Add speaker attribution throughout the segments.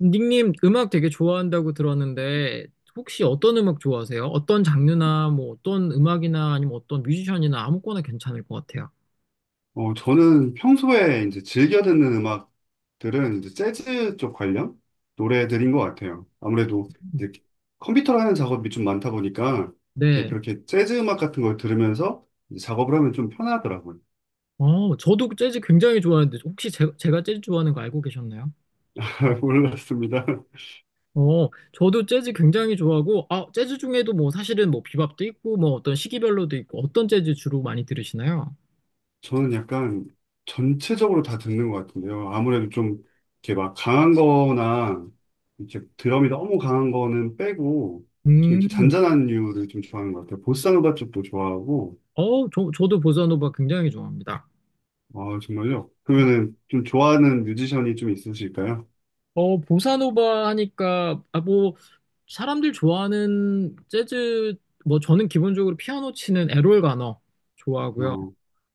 Speaker 1: 닉님 음악 되게 좋아한다고 들었는데 혹시 어떤 음악 좋아하세요? 어떤 장르나 뭐 어떤 음악이나 아니면 어떤 뮤지션이나 아무거나 괜찮을 것 같아요.
Speaker 2: 저는 평소에 이제 즐겨 듣는 음악들은 이제 재즈 쪽 관련 노래들인 것 같아요. 아무래도 이제 컴퓨터라는 작업이 좀 많다 보니까 이렇게
Speaker 1: 네.
Speaker 2: 그렇게 재즈 음악 같은 걸 들으면서 이제 작업을 하면 좀 편하더라고요.
Speaker 1: 어, 저도 재즈 굉장히 좋아하는데 혹시 제가 재즈 좋아하는 거 알고 계셨나요?
Speaker 2: 잘 몰랐습니다.
Speaker 1: 어, 저도 재즈 굉장히 좋아하고 아, 재즈 중에도 뭐 사실은 뭐 비밥도 있고 뭐 어떤 시기별로도 있고 어떤 재즈 주로 많이 들으시나요?
Speaker 2: 저는 약간 전체적으로 다 듣는 것 같은데요. 아무래도 좀 이렇게 막 강한 거나 이렇게 드럼이 너무 강한 거는 빼고 좀 이렇게
Speaker 1: 음.
Speaker 2: 잔잔한 류를 좀 좋아하는 것 같아요. 보사노바 쪽도 좋아하고.
Speaker 1: 어, 저도 보사노바 굉장히 좋아합니다.
Speaker 2: 아, 정말요? 그러면은 좀 좋아하는 뮤지션이 좀 있으실까요?
Speaker 1: 어, 보사노바 하니까, 아, 뭐, 사람들 좋아하는 재즈, 뭐, 저는 기본적으로 피아노 치는 에롤 가너 좋아하고요.
Speaker 2: 어,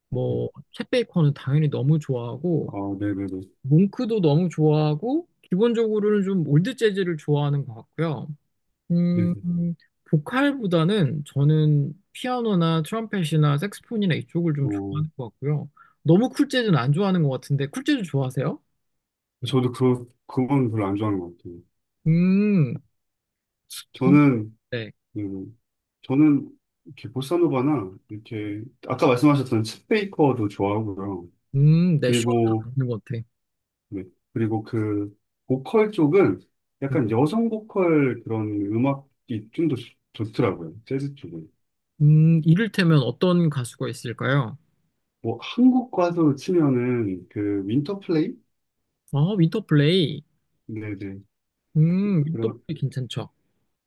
Speaker 1: 뭐,
Speaker 2: 음.
Speaker 1: 챗 베이커는 당연히 너무
Speaker 2: 아,
Speaker 1: 좋아하고,
Speaker 2: 네네네.
Speaker 1: 몽크도 너무 좋아하고, 기본적으로는 좀 올드 재즈를 좋아하는 것 같고요. 음,
Speaker 2: 네네.
Speaker 1: 보컬보다는 저는 피아노나 트럼펫이나 색스폰이나 이쪽을 좀
Speaker 2: 어,
Speaker 1: 좋아하는 것 같고요. 너무 쿨 재즈는 안 좋아하는 것 같은데, 쿨 재즈 좋아하세요?
Speaker 2: 저도 그건 별로 안 좋아하는 것 같아요.
Speaker 1: 음, 전-
Speaker 2: 저는,
Speaker 1: 네.
Speaker 2: 음, 저는 이렇게 보사노바나 이렇게, 아까 말씀하셨던 챗 베이커도 좋아하고요.
Speaker 1: 네,
Speaker 2: 그리고,
Speaker 1: 시원한 는것 같아.
Speaker 2: 네. 그리고 그, 보컬 쪽은
Speaker 1: 네,
Speaker 2: 약간 여성 보컬 그런 음악이 좀 더 좋더라고요. 재즈 쪽은.
Speaker 1: 이를테면 어떤 가수가 있을까요?
Speaker 2: 뭐, 한국 가수 치면은 그, 윈터플레이?
Speaker 1: 아, 윈터플레이.
Speaker 2: 네네. 그러-
Speaker 1: 윈터플레이 괜찮죠.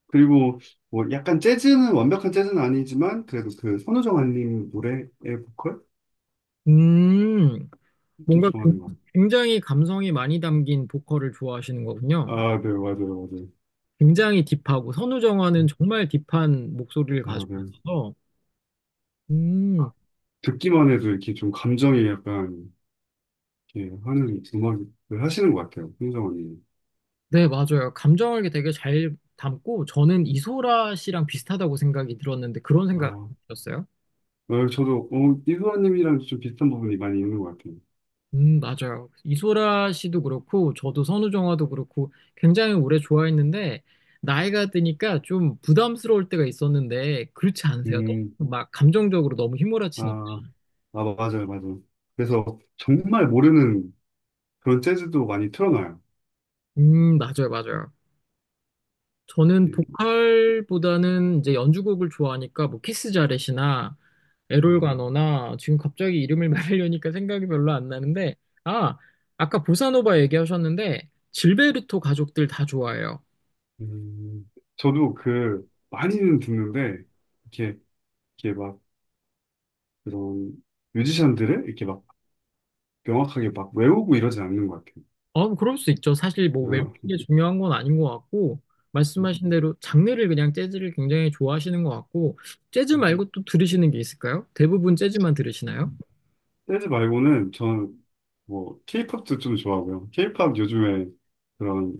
Speaker 2: 그리고 뭐 약간 재즈는 완벽한 재즈는 아니지만 그래도 그 선우정 아님 노래의 보컬
Speaker 1: 음,
Speaker 2: 좀
Speaker 1: 뭔가
Speaker 2: 좋아하는 것 같아요.
Speaker 1: 굉장히 감성이 많이 담긴 보컬을 좋아하시는 거군요.
Speaker 2: 아, 네, 맞아요, 맞아요.
Speaker 1: 굉장히 딥하고, 선우정아는 정말 딥한 목소리를
Speaker 2: 아,
Speaker 1: 가지고
Speaker 2: 네.
Speaker 1: 있어서, 음,
Speaker 2: 듣기만 해도 이렇게 좀 감정이 약간 이렇게 하는 음악을 하시는 것 같아요, 선우정 알님.
Speaker 1: 네, 맞아요. 감정을 되게 잘 담고, 저는 이소라 씨랑 비슷하다고 생각이 들었는데, 그런 생각이
Speaker 2: 아,
Speaker 1: 들었어요?
Speaker 2: 저도 이수아님이랑 좀 비슷한 부분이 많이 있는 것 같아요.
Speaker 1: 맞아요. 이소라 씨도 그렇고, 저도 선우정아도 그렇고, 굉장히 오래 좋아했는데, 나이가 드니까 좀 부담스러울 때가 있었는데, 그렇지 않으세요?
Speaker 2: 음,
Speaker 1: 막 감정적으로 너무 휘몰아치니까.
Speaker 2: 아, 아, 맞아요, 맞아요. 그래서 정말 모르는 그런 재즈도 많이 틀어놔요.
Speaker 1: 맞아요, 맞아요. 저는
Speaker 2: 예.
Speaker 1: 보컬보다는 이제 연주곡을 좋아하니까, 뭐, 키스 자렛이나, 에롤가
Speaker 2: 음.
Speaker 1: 너나 지금 갑자기 이름을 말하려니까 생각이 별로 안 나는데, 아, 아까 보사노바 얘기하셨는데, 질베르토 가족들 다 좋아해요.
Speaker 2: 음, 저도 그 많이는 듣는데 이렇게 이렇게 막 그런 뮤지션들을 이렇게 막 명확하게 막 외우고 이러진 않는 것 같아요.
Speaker 1: 어, 뭐 그럴 수 있죠. 사실 뭐 외우는
Speaker 2: 어,
Speaker 1: 게 중요한 건 아닌 것 같고, 말씀하신 대로 장르를 그냥 재즈를 굉장히 좋아하시는 것 같고, 재즈 말고 또 들으시는 게 있을까요? 대부분 재즈만 들으시나요?
Speaker 2: 재즈 말고는 저는 뭐 케이팝도 좀 좋아하고요. 케이팝 요즘에 그런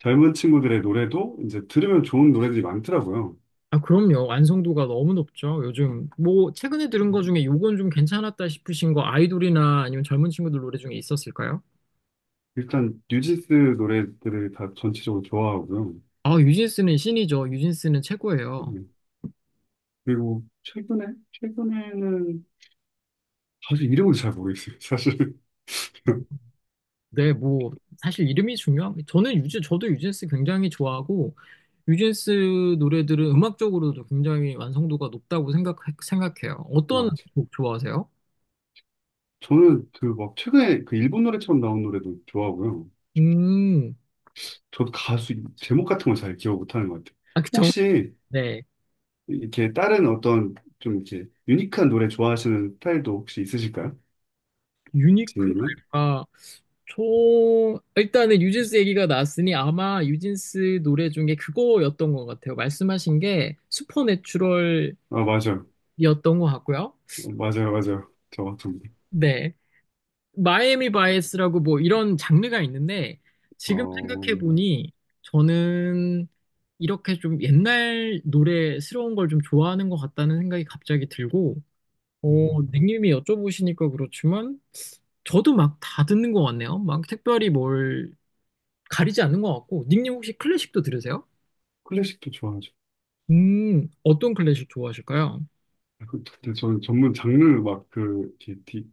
Speaker 2: 젊은 친구들의 노래도 이제 들으면 좋은 노래들이 많더라고요.
Speaker 1: 아, 그럼요. 완성도가 너무 높죠. 요즘 뭐 최근에 들은 거 중에 요건 좀 괜찮았다 싶으신 거 아이돌이나 아니면 젊은 친구들 노래 중에 있었을까요?
Speaker 2: 일단 뉴진스 노래들을 다 전체적으로 좋아하고요.
Speaker 1: 아, 유진스는 신이죠. 유진스는 최고예요.
Speaker 2: 음, 그리고 최근에는 사실 이름을 잘 모르겠어요. 사실
Speaker 1: 네, 뭐 사실 이름이 중요한 저는 유즈 저도 유진스 굉장히 좋아하고 유진스 노래들은 음악적으로도 굉장히 완성도가 높다고 생각해요. 어떤
Speaker 2: 맞아.
Speaker 1: 곡 좋아하세요?
Speaker 2: 저는 그 막 최근에 그 일본 노래처럼 나온 노래도 좋아하고요.
Speaker 1: 음,
Speaker 2: 저도 가수 제목 같은 걸 잘 기억 못하는 것 같아요.
Speaker 1: 아, 그 정,
Speaker 2: 혹시
Speaker 1: 네,
Speaker 2: 이렇게 다른 어떤 좀 이렇게 유니크한 노래 좋아하시는 스타일도 혹시 있으실까요? 진님은?
Speaker 1: 유니클랄까. 저 일단은 유진스 얘기가 나왔으니 아마 유진스 노래 중에 그거였던 것 같아요. 말씀하신 게 슈퍼내추럴이었던
Speaker 2: 아, 맞아요.
Speaker 1: 것 같고요.
Speaker 2: 맞아요, 맞아요. 저 같은 분.
Speaker 1: 네. 마이애미 바이애스라고 뭐 이런 장르가 있는데 지금
Speaker 2: 어,
Speaker 1: 생각해 보니 저는 이렇게 좀 옛날 노래스러운 걸 좀 좋아하는 것 같다는 생각이 갑자기 들고 어,
Speaker 2: 음,
Speaker 1: 닉님이 여쭤보시니까 그렇지만 저도 막 다 듣는 것 같네요. 막 특별히 뭘 가리지 않는 것 같고 닉님 혹시 클래식도 들으세요?
Speaker 2: 클래식도 좋아하죠.
Speaker 1: 어떤 클래식 좋아하실까요?
Speaker 2: 근데 저는 전문 장르 막 그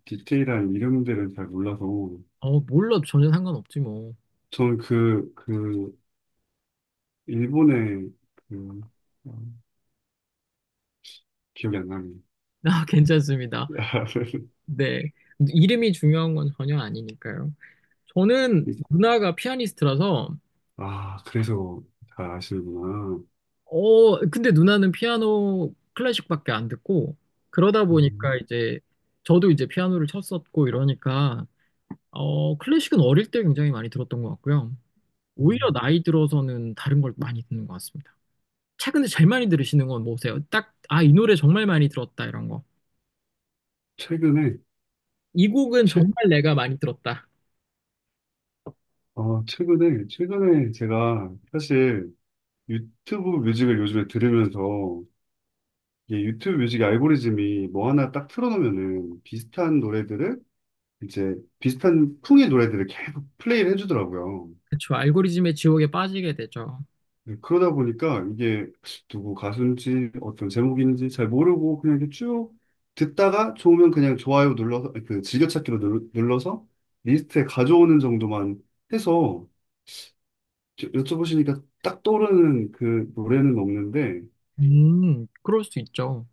Speaker 2: 디테일한 이름들은 잘 몰라서
Speaker 1: 어, 몰라 전혀 상관없지 뭐.
Speaker 2: 저는 그 일본의 그 어, 기억이 안 납니다.
Speaker 1: 아, 괜찮습니다. 네. 이름이 중요한 건 전혀 아니니까요. 저는
Speaker 2: 이-
Speaker 1: 누나가 피아니스트라서,
Speaker 2: 아, 그래서 잘 아시는구나.
Speaker 1: 어, 근데 누나는 피아노 클래식밖에 안 듣고, 그러다 보니까
Speaker 2: 음,
Speaker 1: 이제, 저도 이제 피아노를 쳤었고 이러니까, 어, 클래식은 어릴 때 굉장히 많이 들었던 것 같고요. 오히려
Speaker 2: 음.
Speaker 1: 나이 들어서는 다른 걸 많이 듣는 것 같습니다. 최근에 제일 많이 들으시는 건 뭐세요? 딱, 아, 이 노래 정말 많이 들었다, 이런 거.
Speaker 2: 최근에,
Speaker 1: 이 곡은
Speaker 2: 최,
Speaker 1: 정말 내가 많이 들었다.
Speaker 2: 어, 최근에, 최근에 제가 사실 유튜브 뮤직을 요즘에 들으면서 이게 유튜브 뮤직 알고리즘이 뭐 하나 딱 틀어놓으면은 이제 비슷한 풍의 노래들을 계속 플레이를 해주더라고요.
Speaker 1: 그쵸. 알고리즘의 지옥에 빠지게 되죠.
Speaker 2: 네, 그러다 보니까 이게 누구 가수인지 어떤 제목인지 잘 모르고 그냥 이렇게 쭉 듣다가 좋으면 그냥 좋아요 눌러서 그 즐겨찾기로 눌러서 리스트에 가져오는 정도만 해서 여쭤보시니까 딱 떠오르는 그 노래는 없는데.
Speaker 1: 그럴 수 있죠.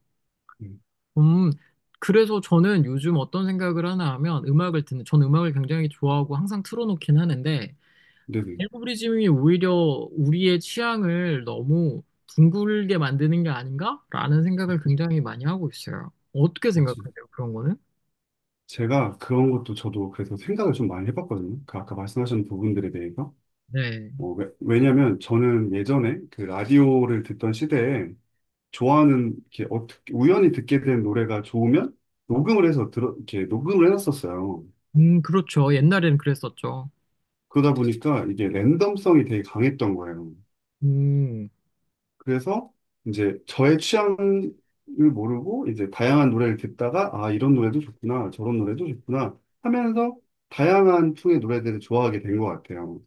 Speaker 2: 음,
Speaker 1: 음, 그래서 저는 요즘 어떤 생각을 하나 하면 음악을 듣는, 전 음악을 굉장히 좋아하고 항상 틀어놓긴 하는데,
Speaker 2: 네네,
Speaker 1: 알고리즘이 오히려 우리의 취향을 너무 둥글게 만드는 게 아닌가라는 생각을 굉장히 많이 하고 있어요. 어떻게
Speaker 2: 맞아요.
Speaker 1: 생각하세요, 그런 거는?
Speaker 2: 제가 그런 것도 저도 그래서 생각을 좀 많이 해봤거든요. 그 아까 말씀하신 부분들에 대해서.
Speaker 1: 네.
Speaker 2: 왜냐면 저는 예전에 그 라디오를 듣던 시대에 좋아하는 이렇게 어떻게 우연히 듣게 된 노래가 좋으면 녹음을 해서 들어 이렇게 녹음을 해놨었어요.
Speaker 1: 그렇죠. 옛날에는 그랬었죠.
Speaker 2: 그러다 보니까 이게 랜덤성이 되게 강했던 거예요.
Speaker 1: 음,
Speaker 2: 그래서 이제 저의 취향을 모르고 이제 다양한 노래를 듣다가 아 이런 노래도 좋구나 저런 노래도 좋구나 하면서 다양한 풍의 노래들을 좋아하게 된 것 같아요.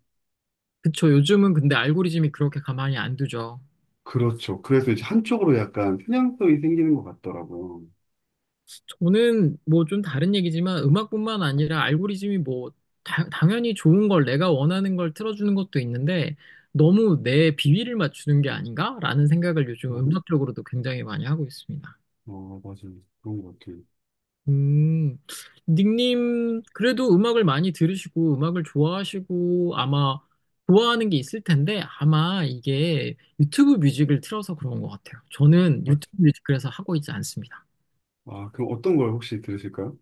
Speaker 1: 그쵸. 요즘은 근데 알고리즘이 그렇게 가만히 안 두죠.
Speaker 2: 그렇죠. 그래서 이제 한쪽으로 약간 편향성이 생기는 것 같더라고요.
Speaker 1: 돈은 뭐 좀 다른 얘기지만 음악뿐만 아니라 알고리즘이 뭐 당연히 좋은 걸 내가 원하는 걸 틀어주는 것도 있는데 너무 내 비위를 맞추는 게 아닌가라는 생각을 요즘
Speaker 2: 맞-
Speaker 1: 음악적으로도 굉장히 많이 하고 있습니다.
Speaker 2: 맞아요. 그런 것 같아요.
Speaker 1: 음, 닉님 그래도 음악을 많이 들으시고 음악을 좋아하시고 아마 좋아하는 게 있을 텐데 아마 이게 유튜브 뮤직을 틀어서 그런 것 같아요. 저는 유튜브
Speaker 2: 맞-
Speaker 1: 뮤직 그래서 하고 있지 않습니다.
Speaker 2: 아, 그럼 어떤 걸 혹시 들으실까요?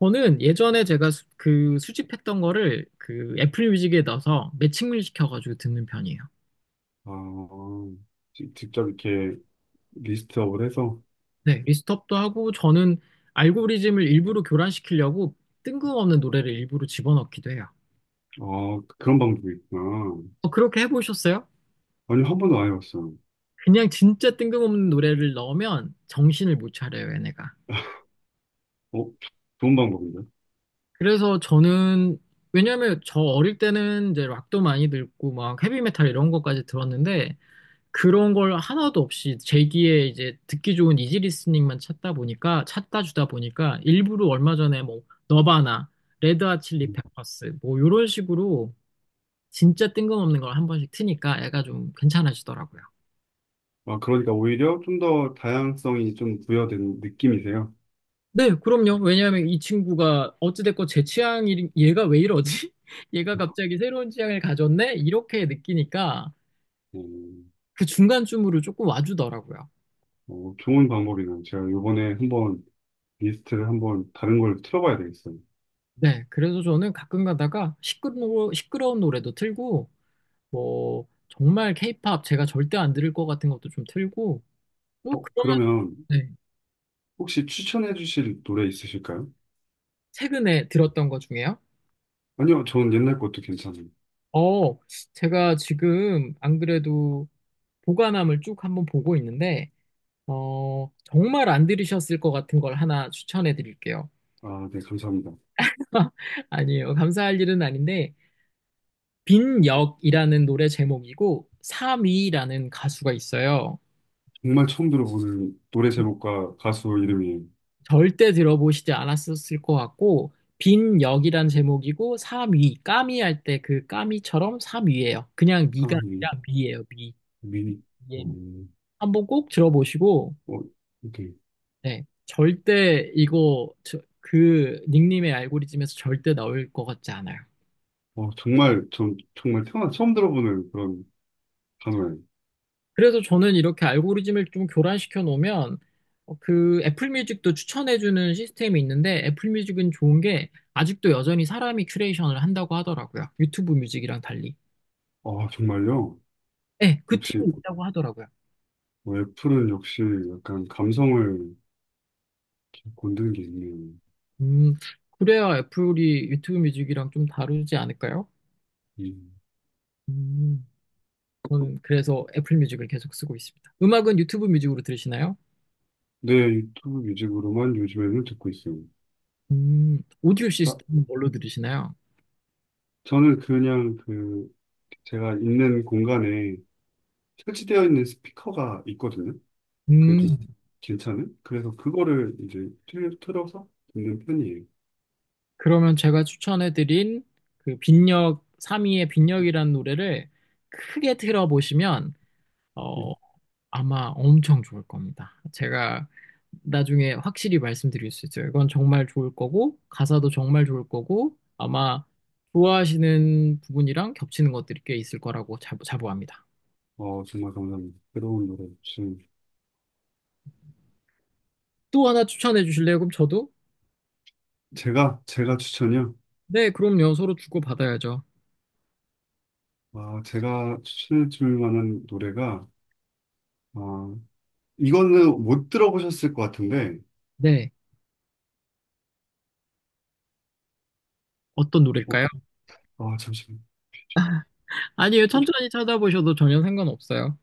Speaker 1: 저는 예전에 제가 그 수집했던 거를 그 애플 뮤직에 넣어서 매칭을 시켜가지고 듣는 편이에요.
Speaker 2: 아, 직접 이렇게 리스트업을 해서.
Speaker 1: 네, 리스트업도 하고 저는 알고리즘을 일부러 교란시키려고 뜬금없는 노래를 일부러 집어넣기도 해요.
Speaker 2: 아, 그런 방법이 있구나.
Speaker 1: 어, 그렇게 해보셨어요?
Speaker 2: 아니, 한 번도 안 해봤어요.
Speaker 1: 그냥 진짜 뜬금없는 노래를 넣으면 정신을 못 차려요, 얘네가.
Speaker 2: 어, 좋은 방법인데?
Speaker 1: 그래서 저는 왜냐면 저 어릴 때는 이제 락도 많이 듣고 막 헤비메탈 이런 것까지 들었는데 그런 걸 하나도 없이 제기에 이제 듣기 좋은 이지 리스닝만 찾다 보니까 찾다 주다 보니까 일부러 얼마 전에 뭐 너바나, 레드핫 칠리
Speaker 2: 음.
Speaker 1: 페퍼스 뭐 이런 식으로 진짜 뜬금없는 걸 한 번씩 트니까 애가 좀 괜찮아지더라고요.
Speaker 2: 아, 그러니까 오히려 좀 더 다양성이 좀 부여된 느낌이세요.
Speaker 1: 네, 그럼요. 왜냐하면 이 친구가 어찌됐건 제 취향이 얘가 왜 이러지? 얘가 갑자기 새로운 취향을 가졌네? 이렇게 느끼니까
Speaker 2: 음,
Speaker 1: 그 중간쯤으로 조금 와주더라고요.
Speaker 2: 좋은 방법이네요. 제가 이번에 한번 리스트를 한번 다른 걸 틀어봐야 되겠어요.
Speaker 1: 네, 그래서 저는 가끔 가다가 시끄러운 노래도 틀고 뭐 정말 케이팝 제가 절대 안 들을 것 같은 것도 좀 틀고 또 그러면
Speaker 2: 그러면
Speaker 1: 네,
Speaker 2: 혹시 추천해 주실 노래 있으실까요?
Speaker 1: 최근에 들었던 것 중에요?
Speaker 2: 아니요, 전 옛날 것도 괜찮아요.
Speaker 1: 어, 제가 지금 안 그래도 보관함을 쭉 한번 보고 있는데 어, 정말 안 들으셨을 것 같은 걸 하나 추천해 드릴게요.
Speaker 2: 아, 네, 감사합니다.
Speaker 1: 아니에요. 감사할 일은 아닌데 빈 역이라는 노래 제목이고 3위라는 가수가 있어요.
Speaker 2: 정말 처음 들어보는 노래 제목과 가수 이름이에요.
Speaker 1: 절대 들어보시지 않았었을 것 같고, 빈 역이란 제목이고, 3위, 까미 할 때 그 까미처럼 3위예요. 그냥 미가
Speaker 2: 참.
Speaker 1: 아니라 미예요, 미.
Speaker 2: 미니,
Speaker 1: 예,
Speaker 2: 어,
Speaker 1: 미. 한번 꼭 들어보시고,
Speaker 2: 어, 이렇게,
Speaker 1: 네. 절대 이거, 그 닉님의 알고리즘에서 절대 나올 것 같지 않아요.
Speaker 2: 정말, 전 정말 태어나 처음 들어보는 그런 단어예요.
Speaker 1: 그래서 저는 이렇게 알고리즘을 좀 교란시켜 놓으면, 어, 그 애플 뮤직도 추천해주는 시스템이 있는데, 애플 뮤직은 좋은 게, 아직도 여전히 사람이 큐레이션을 한다고 하더라고요. 유튜브 뮤직이랑 달리.
Speaker 2: 아, 정말요?
Speaker 1: 네, 그
Speaker 2: 역시,
Speaker 1: 팀이 있다고 하더라고요.
Speaker 2: 뭐 애플은 역시 약간 감성을 이렇게 건드는 게 있네요.
Speaker 1: 음, 그래야 애플이 유튜브 뮤직이랑 좀 다르지 않을까요?
Speaker 2: 음.
Speaker 1: 음, 저는 그래서 애플 뮤직을 계속 쓰고 있습니다. 음악은 유튜브 뮤직으로 들으시나요?
Speaker 2: 네, 유튜브 뮤직으로만 요즘에는 듣고 있어요.
Speaker 1: 오디오
Speaker 2: 자,
Speaker 1: 시스템은 뭘로 들으시나요?
Speaker 2: 저는 그냥 그, 제가 있는 공간에 설치되어 있는 스피커가 있거든요. 그래도
Speaker 1: 음,
Speaker 2: 괜찮은? 그래서 그거를 이제 틀어서 듣는 편이에요.
Speaker 1: 그러면 제가 추천해드린 그 빈력, 3위의 빈력이라는 노래를 크게 틀어보시면,
Speaker 2: 네.
Speaker 1: 어, 아마 엄청 좋을 겁니다. 제가 나중에 확실히 말씀드릴 수 있어요. 이건 정말 좋을 거고, 가사도 정말 좋을 거고, 아마 좋아하시는 부분이랑 겹치는 것들이 꽤 있을 거라고 자부합니다.
Speaker 2: 정말 감사합니다. 새로운 노래 주신.
Speaker 1: 또 하나 추천해 주실래요? 그럼 저도?
Speaker 2: 제가 추천이요.
Speaker 1: 네, 그럼요. 서로 주고받아야죠.
Speaker 2: 아, 제가 추천해 줄 만한 노래가. 아, 이거는 못 들어보셨을 것 같은데.
Speaker 1: 네. 어떤
Speaker 2: 어,
Speaker 1: 노래일까요?
Speaker 2: 아, 잠시만요.
Speaker 1: 아니에요.
Speaker 2: 그
Speaker 1: 천천히 찾아보셔도 전혀 상관없어요.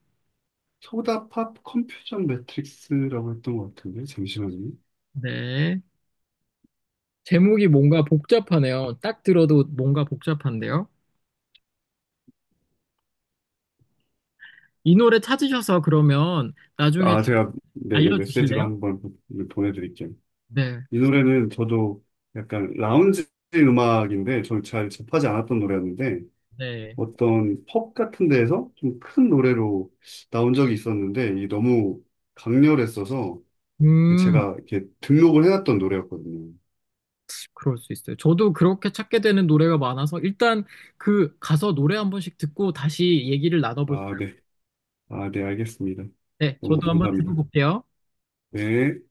Speaker 2: 소다팝 컴퓨전 매트릭스라고 했던 것 같은데 잠시만요.
Speaker 1: 네. 제목이 뭔가 복잡하네요. 딱 들어도 뭔가 복잡한데요. 이 노래 찾으셔서 그러면 나중에
Speaker 2: 아, 제가 네네 메시지로
Speaker 1: 알려주실래요?
Speaker 2: 한번 보내드릴게요.
Speaker 1: 네.
Speaker 2: 이 노래는 저도 약간 라운지 음악인데 저는 잘 접하지 않았던 노래였는데
Speaker 1: 네.
Speaker 2: 어떤 펍 같은 데에서 좀 큰 노래로 나온 적이 있었는데 이 너무 강렬했어서 이게
Speaker 1: 음,
Speaker 2: 제가 이렇게 등록을 해놨던 노래였거든요.
Speaker 1: 그럴 수 있어요. 저도 그렇게 찾게 되는 노래가 많아서 일단 그 가서 노래 한 번씩 듣고 다시 얘기를 나눠볼까요?
Speaker 2: 아, 네. 아, 네, 알겠습니다.
Speaker 1: 네,
Speaker 2: 너무
Speaker 1: 저도 한번
Speaker 2: 감사합니다.
Speaker 1: 들어볼게요.
Speaker 2: 네.